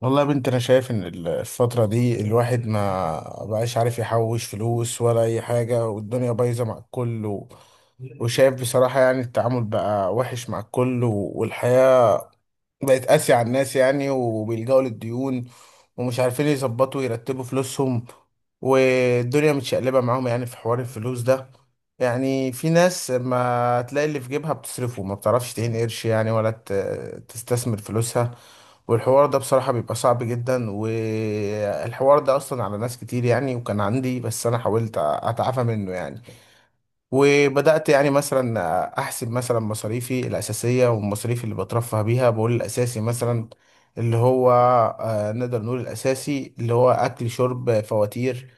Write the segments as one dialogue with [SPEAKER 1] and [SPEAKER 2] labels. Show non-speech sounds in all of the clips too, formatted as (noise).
[SPEAKER 1] والله يا بنت، انا شايف ان الفترة دي الواحد ما بقاش عارف يحوش فلوس ولا اي حاجة، والدنيا بايظة مع الكل وشايف بصراحة يعني التعامل بقى وحش مع الكل والحياة بقت قاسية على الناس يعني، وبيلجأوا للديون ومش عارفين يظبطوا يرتبوا فلوسهم، والدنيا متشقلبة معاهم يعني في حوار الفلوس ده. يعني في ناس ما تلاقي اللي في جيبها بتصرفه، ما بتعرفش تعين قرش يعني، ولا تستثمر فلوسها. والحوار ده بصراحة بيبقى صعب جدا، والحوار ده أصلا على ناس كتير يعني، وكان عندي، بس أنا حاولت أتعافى منه يعني. وبدأت يعني مثلا أحسب مثلا مصاريفي الأساسية والمصاريف اللي بترفه بيها. بقول الأساسي مثلا اللي هو نقدر نقول الأساسي اللي هو أكل شرب فواتير.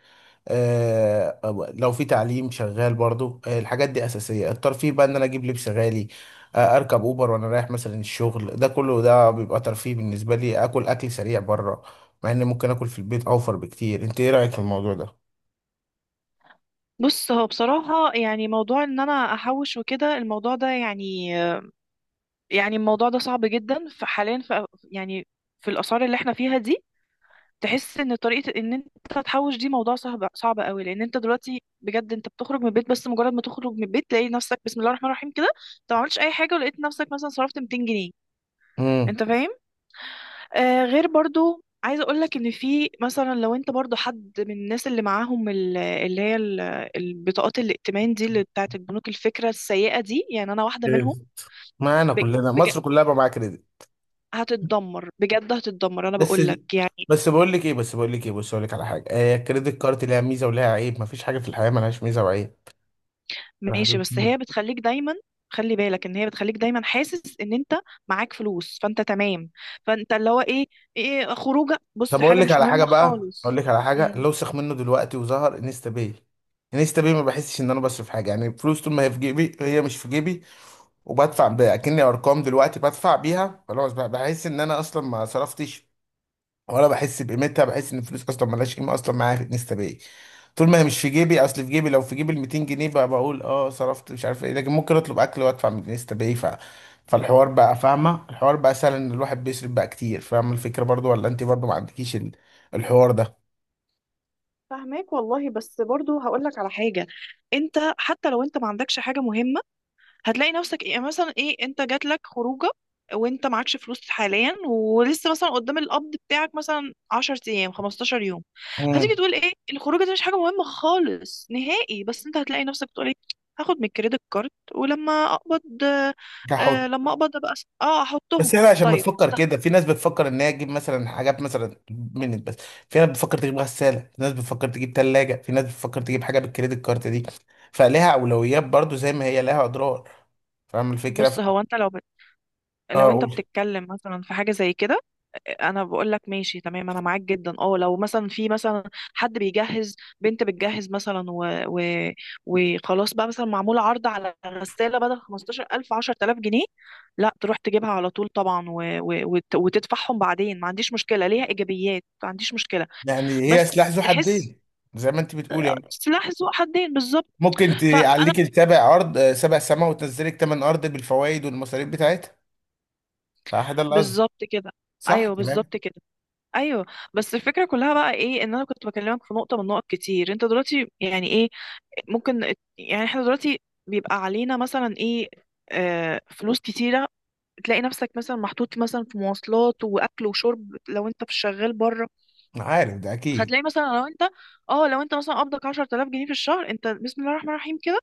[SPEAKER 1] لو في تعليم شغال برضو، الحاجات دي أساسية. الترفيه بقى إن أنا أجيب لبس غالي، أركب أوبر وأنا رايح مثلا الشغل، ده كله ده بيبقى ترفيه بالنسبة لي. أكل أكل سريع بره، مع إن ممكن أكل في البيت أوفر بكتير. أنت إيه رأيك في الموضوع ده؟
[SPEAKER 2] بص، هو بصراحة يعني موضوع ان انا احوش وكده الموضوع ده يعني الموضوع ده صعب جدا، فحاليا يعني في الاسعار اللي احنا فيها دي. تحس ان طريقة ان انت تحوش دي موضوع صعب صعب قوي، لان انت دلوقتي بجد انت بتخرج من البيت، بس مجرد ما تخرج من البيت تلاقي نفسك بسم الله الرحمن الرحيم كده، انت ما عملتش اي حاجة ولقيت نفسك مثلا صرفت 200 جنيه.
[SPEAKER 1] مم.
[SPEAKER 2] انت فاهم؟ غير برضو عايزة أقولك إن في مثلا لو أنت برضو حد من الناس اللي معاهم البطاقات الائتمان دي اللي بتاعت البنوك، الفكرة السيئة دي، يعني أنا واحدة منهم.
[SPEAKER 1] معانا
[SPEAKER 2] بج...
[SPEAKER 1] كلنا،
[SPEAKER 2] بج...
[SPEAKER 1] مصر كلها بقى معاها كريدت.
[SPEAKER 2] هتتدمر بجد، هتتدمر، أنا
[SPEAKER 1] بس
[SPEAKER 2] بقولك يعني.
[SPEAKER 1] بس بقول لك ايه، بس بقول لك ايه، بص اقول لك على حاجه، آه الكريدت كارت ليها ميزه وليها عيب، مفيش حاجه في الحياه ملهاش ميزه وعيب.
[SPEAKER 2] ماشي، بس هي
[SPEAKER 1] (laughs)
[SPEAKER 2] بتخليك دايما. خلي بالك إن هي بتخليك دايما حاسس إن أنت معاك فلوس، فأنت تمام. فأنت اللي هو إيه خروجة، بص،
[SPEAKER 1] طب اقول
[SPEAKER 2] حاجة
[SPEAKER 1] لك
[SPEAKER 2] مش
[SPEAKER 1] على حاجه
[SPEAKER 2] مهمة
[SPEAKER 1] بقى، اقول
[SPEAKER 2] خالص.
[SPEAKER 1] لك على حاجه،
[SPEAKER 2] امم.
[SPEAKER 1] لو سخ منه دلوقتي وظهر انستا باي. انستا باي، ما بحسش ان انا بصرف حاجه يعني، فلوس طول ما هي في جيبي، هي مش في جيبي. وبدفع بأكني ارقام دلوقتي، بدفع بيها خلاص بقى، بحس ان انا اصلا ما صرفتش ولا بحس بقيمتها. بحس ان الفلوس اصلا ملهاش قيمه اصلا معايا في انستا باي. طول ما هي مش في جيبي، اصل في جيبي، لو في جيبي ال 200 جنيه بقى بقول اه صرفت مش عارف ايه، لكن ممكن اطلب اكل وادفع من انستا باي. فالحوار بقى، فاهمه الحوار بقى سهل ان الواحد بيصرف بقى كتير، فاهمه الفكره برضو؟ ولا انت برضو ما عندكيش الحوار ده؟
[SPEAKER 2] فهماك والله، بس برضو هقول لك على حاجه. انت حتى لو انت ما عندكش حاجه مهمه، هتلاقي نفسك ايه، يعني مثلا ايه؟ انت جات لك خروجه وانت معكش فلوس حاليا، ولسه مثلا قدام القبض بتاعك مثلا 10 ايام، 15 يوم.
[SPEAKER 1] امم.
[SPEAKER 2] هتيجي تقول ايه الخروجه دي مش حاجه مهمه خالص نهائي، بس انت هتلاقي نفسك بتقول ايه، هاخد من الكريدت كارد ولما اقبض.
[SPEAKER 1] كحط.
[SPEAKER 2] لما اقبض ابقى احطهم.
[SPEAKER 1] بس احنا عشان
[SPEAKER 2] طيب.
[SPEAKER 1] بنفكر كده، في ناس بتفكر ان هي تجيب مثلا حاجات مثلا من بس، في ناس بتفكر تجيب غساله، في ناس بتفكر تجيب ثلاجه، في ناس بتفكر تجيب حاجه بالكريدت كارت دي، فلها اولويات برضو زي ما هي لها اضرار. فاهم الفكرة؟
[SPEAKER 2] بص، هو انت لو
[SPEAKER 1] اه
[SPEAKER 2] انت
[SPEAKER 1] قول.
[SPEAKER 2] بتتكلم مثلا في حاجه زي كده، انا بقول لك ماشي، تمام، انا معاك جدا. اه لو مثلا في مثلا حد بيجهز بنت بتجهز مثلا وخلاص بقى مثلا، معمول عرض على غسالة بدل 15000، 10000 جنيه، لا تروح تجيبها على طول طبعا وتدفعهم بعدين، ما عنديش مشكلة، ليها ايجابيات، ما عنديش مشكلة.
[SPEAKER 1] يعني هي سلاح
[SPEAKER 2] بس
[SPEAKER 1] ذو
[SPEAKER 2] تحس.
[SPEAKER 1] حدين، زي ما انت بتقول يعني.
[SPEAKER 2] سلاح ذو حدين بالظبط.
[SPEAKER 1] ممكن
[SPEAKER 2] فانا.
[SPEAKER 1] تعليك السبع ارض، سبع سماء، وتنزلك تمن ارض بالفوائد والمصاريف بتاعتها. صح، ده اللي قصدي.
[SPEAKER 2] بالظبط كده.
[SPEAKER 1] صح
[SPEAKER 2] ايوه،
[SPEAKER 1] كلام.
[SPEAKER 2] بالظبط كده. ايوه. بس الفكره كلها بقى ايه، ان انا كنت بكلمك في نقطه من نقط كتير. انت دلوقتي يعني ايه، ممكن، يعني احنا دلوقتي بيبقى علينا مثلا ايه، آه، فلوس كتيرة. تلاقي نفسك مثلا محطوط مثلا في مواصلات وأكل وشرب لو أنت في شغال بره.
[SPEAKER 1] أنا عارف ده اكيد.
[SPEAKER 2] فتلاقي مثلا لو أنت مثلا قبضك 10000 جنيه في الشهر. أنت بسم الله الرحمن الرحيم كده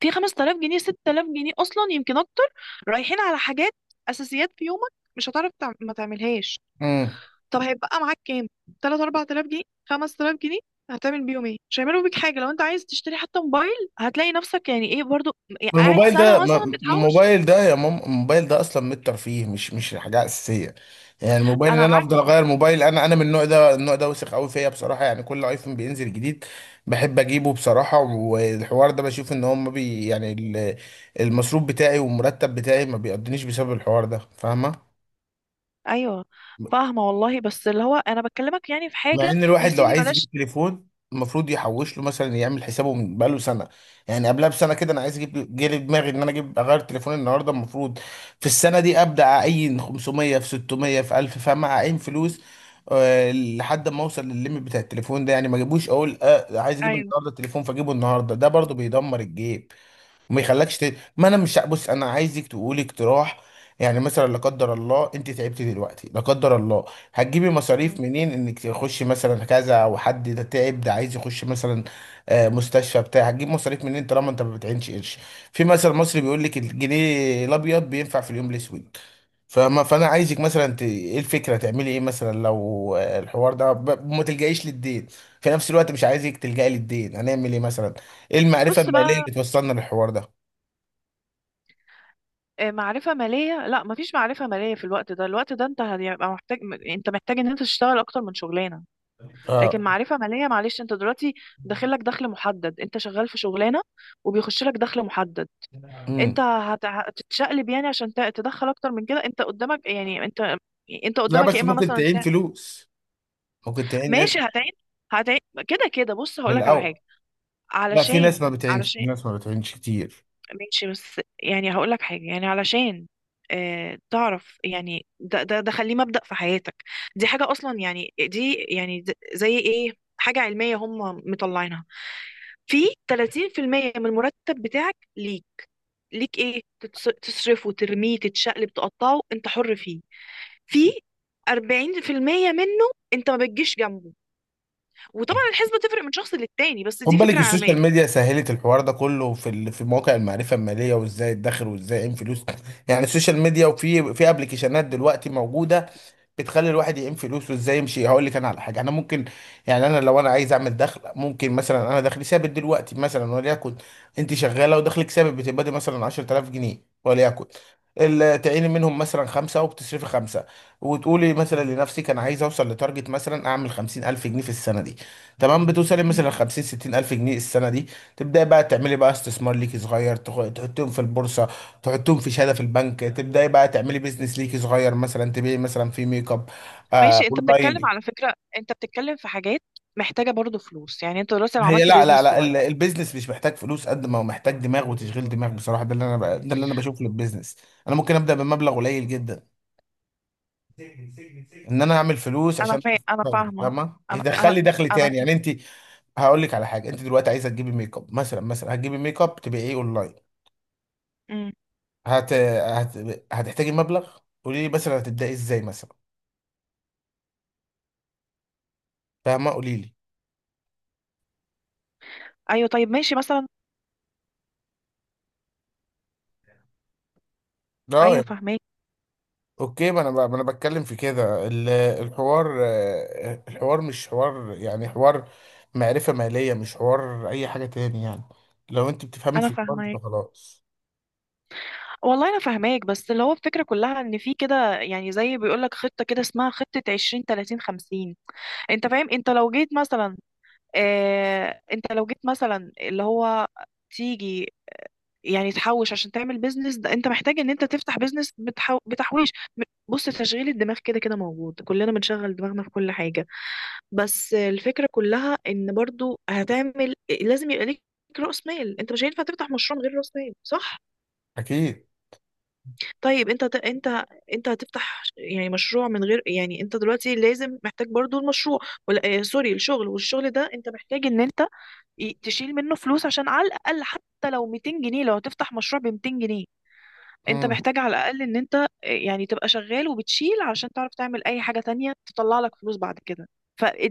[SPEAKER 2] في 5000 جنيه، 6000 جنيه أصلا، يمكن أكتر، رايحين على حاجات، أساسيات في يومك مش هتعرف ما تعملهاش.
[SPEAKER 1] مم.
[SPEAKER 2] طب هيبقى معاك كام، 3، 4000 جنيه، 5000 جنيه، هتعمل بيهم ايه؟ مش هيعملوا بيك حاجه. لو انت عايز تشتري حتى موبايل، هتلاقي نفسك يعني ايه برضو، يعني
[SPEAKER 1] ما
[SPEAKER 2] قاعد
[SPEAKER 1] الموبايل ده
[SPEAKER 2] سنه
[SPEAKER 1] ما
[SPEAKER 2] مثلا
[SPEAKER 1] ما
[SPEAKER 2] بتحوش.
[SPEAKER 1] الموبايل ده يا ماما، الموبايل ده اصلا من الترفيه، مش حاجه اساسيه. يعني الموبايل ان
[SPEAKER 2] انا
[SPEAKER 1] انا افضل
[SPEAKER 2] عارفه.
[SPEAKER 1] اغير موبايل، انا من النوع ده وسخ قوي فيا بصراحه، يعني كل ايفون بينزل جديد بحب اجيبه بصراحه. والحوار ده بشوف ان هم بي يعني المصروف بتاعي والمرتب بتاعي ما بيقضنيش بسبب الحوار ده، فاهمه.
[SPEAKER 2] ايوه فاهمه والله، بس اللي هو انا بكلمك يعني في
[SPEAKER 1] مع
[SPEAKER 2] حاجه
[SPEAKER 1] ان
[SPEAKER 2] يا
[SPEAKER 1] الواحد لو
[SPEAKER 2] سيدي،
[SPEAKER 1] عايز
[SPEAKER 2] بلاش.
[SPEAKER 1] يجيب تليفون، المفروض يحوش له، مثلا يعمل حسابه من بقاله سنه، يعني قبلها بسنه كده. انا عايز اجيب، جه لي دماغي ان انا اجيب اغير تليفوني النهارده، المفروض في السنه دي ابدا اعين 500 في 600 في 1000، فاهم، اعين فلوس لحد ما اوصل للليميت بتاع التليفون ده، يعني ما اجيبوش اقول آه عايز اجيب
[SPEAKER 2] ايوه.
[SPEAKER 1] النهارده التليفون فاجيبه النهارده، ده برضو بيدمر الجيب وما يخلكش ما انا مش بص، انا عايزك تقولي اقتراح. يعني مثلا، لا قدر الله انت تعبتي دلوقتي، لا قدر الله، هتجيبي
[SPEAKER 2] مم.
[SPEAKER 1] مصاريف منين انك تخشي مثلا كذا؟ او حد ده تعب ده عايز يخش مثلا مستشفى بتاع، هتجيب مصاريف منين طالما انت ما بتعينش قرش؟ في مثل مصري بيقول لك الجنيه الابيض بينفع في اليوم الاسود. فما فانا عايزك مثلا ايه الفكره، تعملي ايه مثلا لو الحوار ده ما تلجئيش للدين؟ في نفس الوقت مش عايزك تلجئي للدين، هنعمل ايه مثلا؟ ايه المعرفه
[SPEAKER 2] بص
[SPEAKER 1] الماليه
[SPEAKER 2] بقى.
[SPEAKER 1] اللي توصلنا للحوار ده؟
[SPEAKER 2] معرفة مالية؟ لا، مفيش معرفة مالية في الوقت ده. الوقت ده انت هيبقى محتاج، انت محتاج ان انت تشتغل اكتر من شغلانة. لكن
[SPEAKER 1] اه.
[SPEAKER 2] معرفة مالية، معلش، انت دلوقتي داخل لك دخل محدد، انت شغال في شغلانة وبيخش لك دخل محدد. انت
[SPEAKER 1] امم.
[SPEAKER 2] هتتشقلب يعني عشان تدخل اكتر من كده. انت قدامك يعني انت
[SPEAKER 1] لا
[SPEAKER 2] قدامك يا
[SPEAKER 1] بس
[SPEAKER 2] اما
[SPEAKER 1] ممكن
[SPEAKER 2] مثلا
[SPEAKER 1] تعين فلوس، ممكن تعين قرش
[SPEAKER 2] ماشي، هتعين، هتعين كده كده. بص،
[SPEAKER 1] في
[SPEAKER 2] هقول لك على
[SPEAKER 1] الاول.
[SPEAKER 2] حاجه،
[SPEAKER 1] لا، في ناس
[SPEAKER 2] علشان،
[SPEAKER 1] ما بتعينش، في
[SPEAKER 2] علشان،
[SPEAKER 1] ناس ما بتعينش كتير.
[SPEAKER 2] ماشي بس يعني هقول لك حاجه، يعني علشان، اه تعرف يعني، ده خليه مبدأ في حياتك. دي حاجه اصلا يعني، دي يعني زي ايه، حاجه علميه هم مطلعينها. في 30% من المرتب بتاعك ليك، ليك تصرفه، ترميه، تتشقلب، تقطعه، انت حر فيه. في 40% منه انت ما بتجيش جنبه. وطبعا الحسبة تفرق من شخص للتاني، بس
[SPEAKER 1] خد
[SPEAKER 2] دي
[SPEAKER 1] بالك،
[SPEAKER 2] فكرة عامة.
[SPEAKER 1] السوشيال ميديا سهلت الحوار ده كله، في في مواقع المعرفه الماليه وازاي ادخر وازاي اعمل فلوس. يعني السوشيال ميديا، وفي ابلكيشنات دلوقتي موجوده بتخلي الواحد يقيم فلوسه ازاي يمشي. هقول لك انا على حاجه، انا ممكن يعني، انا لو عايز اعمل دخل، ممكن مثلا انا دخلي ثابت دلوقتي مثلا، وليكن انت شغاله ودخلك ثابت بتبقى مثلا 10000 جنيه، وليكن تعيني منهم مثلا خمسة وبتصرفي خمسة، وتقولي مثلا لنفسك أنا عايز أوصل لتارجت، مثلا أعمل 50 ألف جنيه في السنة دي. تمام، بتوصلي
[SPEAKER 2] مم.
[SPEAKER 1] مثلا 50 60 الف جنيه السنه دي، تبداي بقى تعملي بقى استثمار ليكي صغير، تحطيهم في البورصه، تحطيهم في شهاده في البنك، تبداي بقى تعملي بيزنس ليكي صغير، مثلا تبيعي مثلا في ميك اب، آه
[SPEAKER 2] ماشي، انت بتتكلم
[SPEAKER 1] اونلاين.
[SPEAKER 2] على فكرة، انت بتتكلم في حاجات محتاجة برضو فلوس. يعني انت دلوقتي لو
[SPEAKER 1] هي،
[SPEAKER 2] عملت
[SPEAKER 1] لا لا
[SPEAKER 2] بيزنس
[SPEAKER 1] لا،
[SPEAKER 2] صغير.
[SPEAKER 1] البيزنس مش محتاج فلوس قد ما هو محتاج دماغ وتشغيل دماغ بصراحه، ده اللي انا ده اللي انا بشوفه للبيزنس. انا ممكن ابدا بمبلغ قليل جدا ان انا اعمل فلوس عشان
[SPEAKER 2] انا
[SPEAKER 1] اشتغل،
[SPEAKER 2] فاهمة.
[SPEAKER 1] فاهمه،
[SPEAKER 2] انا
[SPEAKER 1] يدخل
[SPEAKER 2] انا
[SPEAKER 1] لي دخل
[SPEAKER 2] انا
[SPEAKER 1] تاني، يعني انت. هقول لك على حاجه، انت دلوقتي عايزه تجيبي ميك اب مثلا هتجيبي ميك اب تبقى ايه اونلاين،
[SPEAKER 2] مم.
[SPEAKER 1] هت... هت... هتحتاجي مبلغ. قولي لي مثلا هتبداي ازاي مثلا؟ فاهمه، قولي لي.
[SPEAKER 2] ايوه طيب ماشي مثلا.
[SPEAKER 1] اه
[SPEAKER 2] ايوه
[SPEAKER 1] يعني.
[SPEAKER 2] فاهماك.
[SPEAKER 1] اوكي، ما انا بتكلم في كده، الحوار الحوار مش حوار يعني، حوار معرفه ماليه، مش حوار اي حاجه تاني يعني. لو انت بتفهمي
[SPEAKER 2] انا
[SPEAKER 1] في الحوار ده
[SPEAKER 2] فاهمة
[SPEAKER 1] فخلاص.
[SPEAKER 2] والله، انا فاهماك، بس اللي هو الفكره كلها، ان في كده يعني زي بيقولك خطه كده، اسمها خطه 20، 30، 50. انت فاهم؟ انت لو جيت مثلا، آه انت لو جيت مثلا اللي هو تيجي يعني تحوش عشان تعمل بيزنس، ده انت محتاج ان انت تفتح بيزنس بتحويش. م- بص، تشغيل الدماغ كده كده موجود، كلنا بنشغل دماغنا في كل حاجة. بس الفكرة كلها ان برضو هتعمل، لازم يبقى ليك رأس مال. انت مش هينفع تفتح مشروع من غير رأس مال، صح؟
[SPEAKER 1] اكيد.
[SPEAKER 2] طيب انت انت هتفتح يعني مشروع من غير، يعني انت دلوقتي لازم محتاج برضو المشروع، ولا سوري، الشغل، والشغل ده انت محتاج ان انت تشيل منه فلوس، عشان على الاقل حتى لو 200 جنيه لو هتفتح مشروع ب 200 جنيه. انت
[SPEAKER 1] امم.
[SPEAKER 2] محتاج على الاقل ان انت يعني تبقى شغال وبتشيل، عشان تعرف تعمل اي حاجة تانية تطلع لك فلوس بعد كده.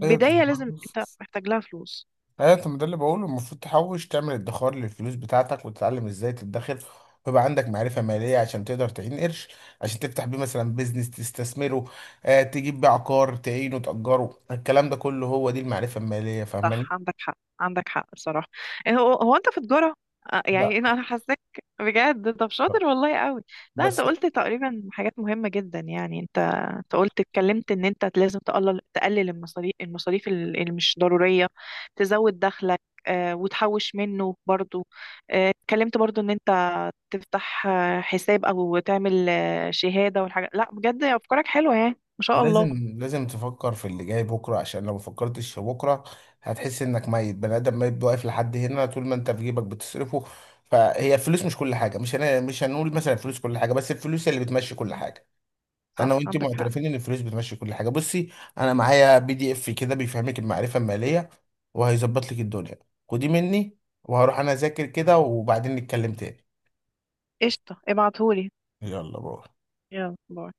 [SPEAKER 1] ايوه.
[SPEAKER 2] لازم انت محتاج لها فلوس.
[SPEAKER 1] ايوه ما ده اللي بقوله، المفروض تحوش، تعمل ادخار للفلوس بتاعتك وتتعلم ازاي تدخر، ويبقى عندك معرفة مالية عشان تقدر تعين قرش، عشان تفتح بيه مثلا بيزنس تستثمره، آه تجيب بيه عقار تعينه تأجره. الكلام ده كله هو دي المعرفة المالية، فاهماني؟
[SPEAKER 2] صح، عندك حق، عندك حق بصراحة. إيه، هو هو انت في تجارة؟
[SPEAKER 1] لا
[SPEAKER 2] يعني انا حاساك بجد. طب شاطر والله قوي. لا، انت
[SPEAKER 1] بس،
[SPEAKER 2] قلت تقريبا حاجات مهمة جدا، يعني انت. انت قلت، اتكلمت ان انت لازم تقلل المصاريف اللي مش ضرورية. تزود دخلك. وتحوش منه برضو. اتكلمت برضو ان انت تفتح، حساب او تعمل، شهادة والحاجات، لا بجد افكارك حلوة يعني، ما شاء الله.
[SPEAKER 1] لازم لازم تفكر في اللي جاي بكرة، عشان لو مفكرتش في بكرة هتحس انك ميت، بني ادم ميت واقف لحد هنا طول ما انت في جيبك بتصرفه. فهي الفلوس مش كل حاجة، مش مش هنقول مثلا الفلوس كل حاجة، بس الفلوس هي اللي بتمشي كل حاجة. انا
[SPEAKER 2] صح
[SPEAKER 1] وانت
[SPEAKER 2] عندك حق.
[SPEAKER 1] معترفين ان الفلوس بتمشي كل حاجه. بصي، انا معايا بي دي اف كده بيفهمك المعرفه الماليه وهيظبط لك الدنيا، خديه مني، وهروح انا اذاكر كده وبعدين نتكلم تاني.
[SPEAKER 2] قشطة، ابعتهولي.
[SPEAKER 1] يلا باي.
[SPEAKER 2] يلا، باي.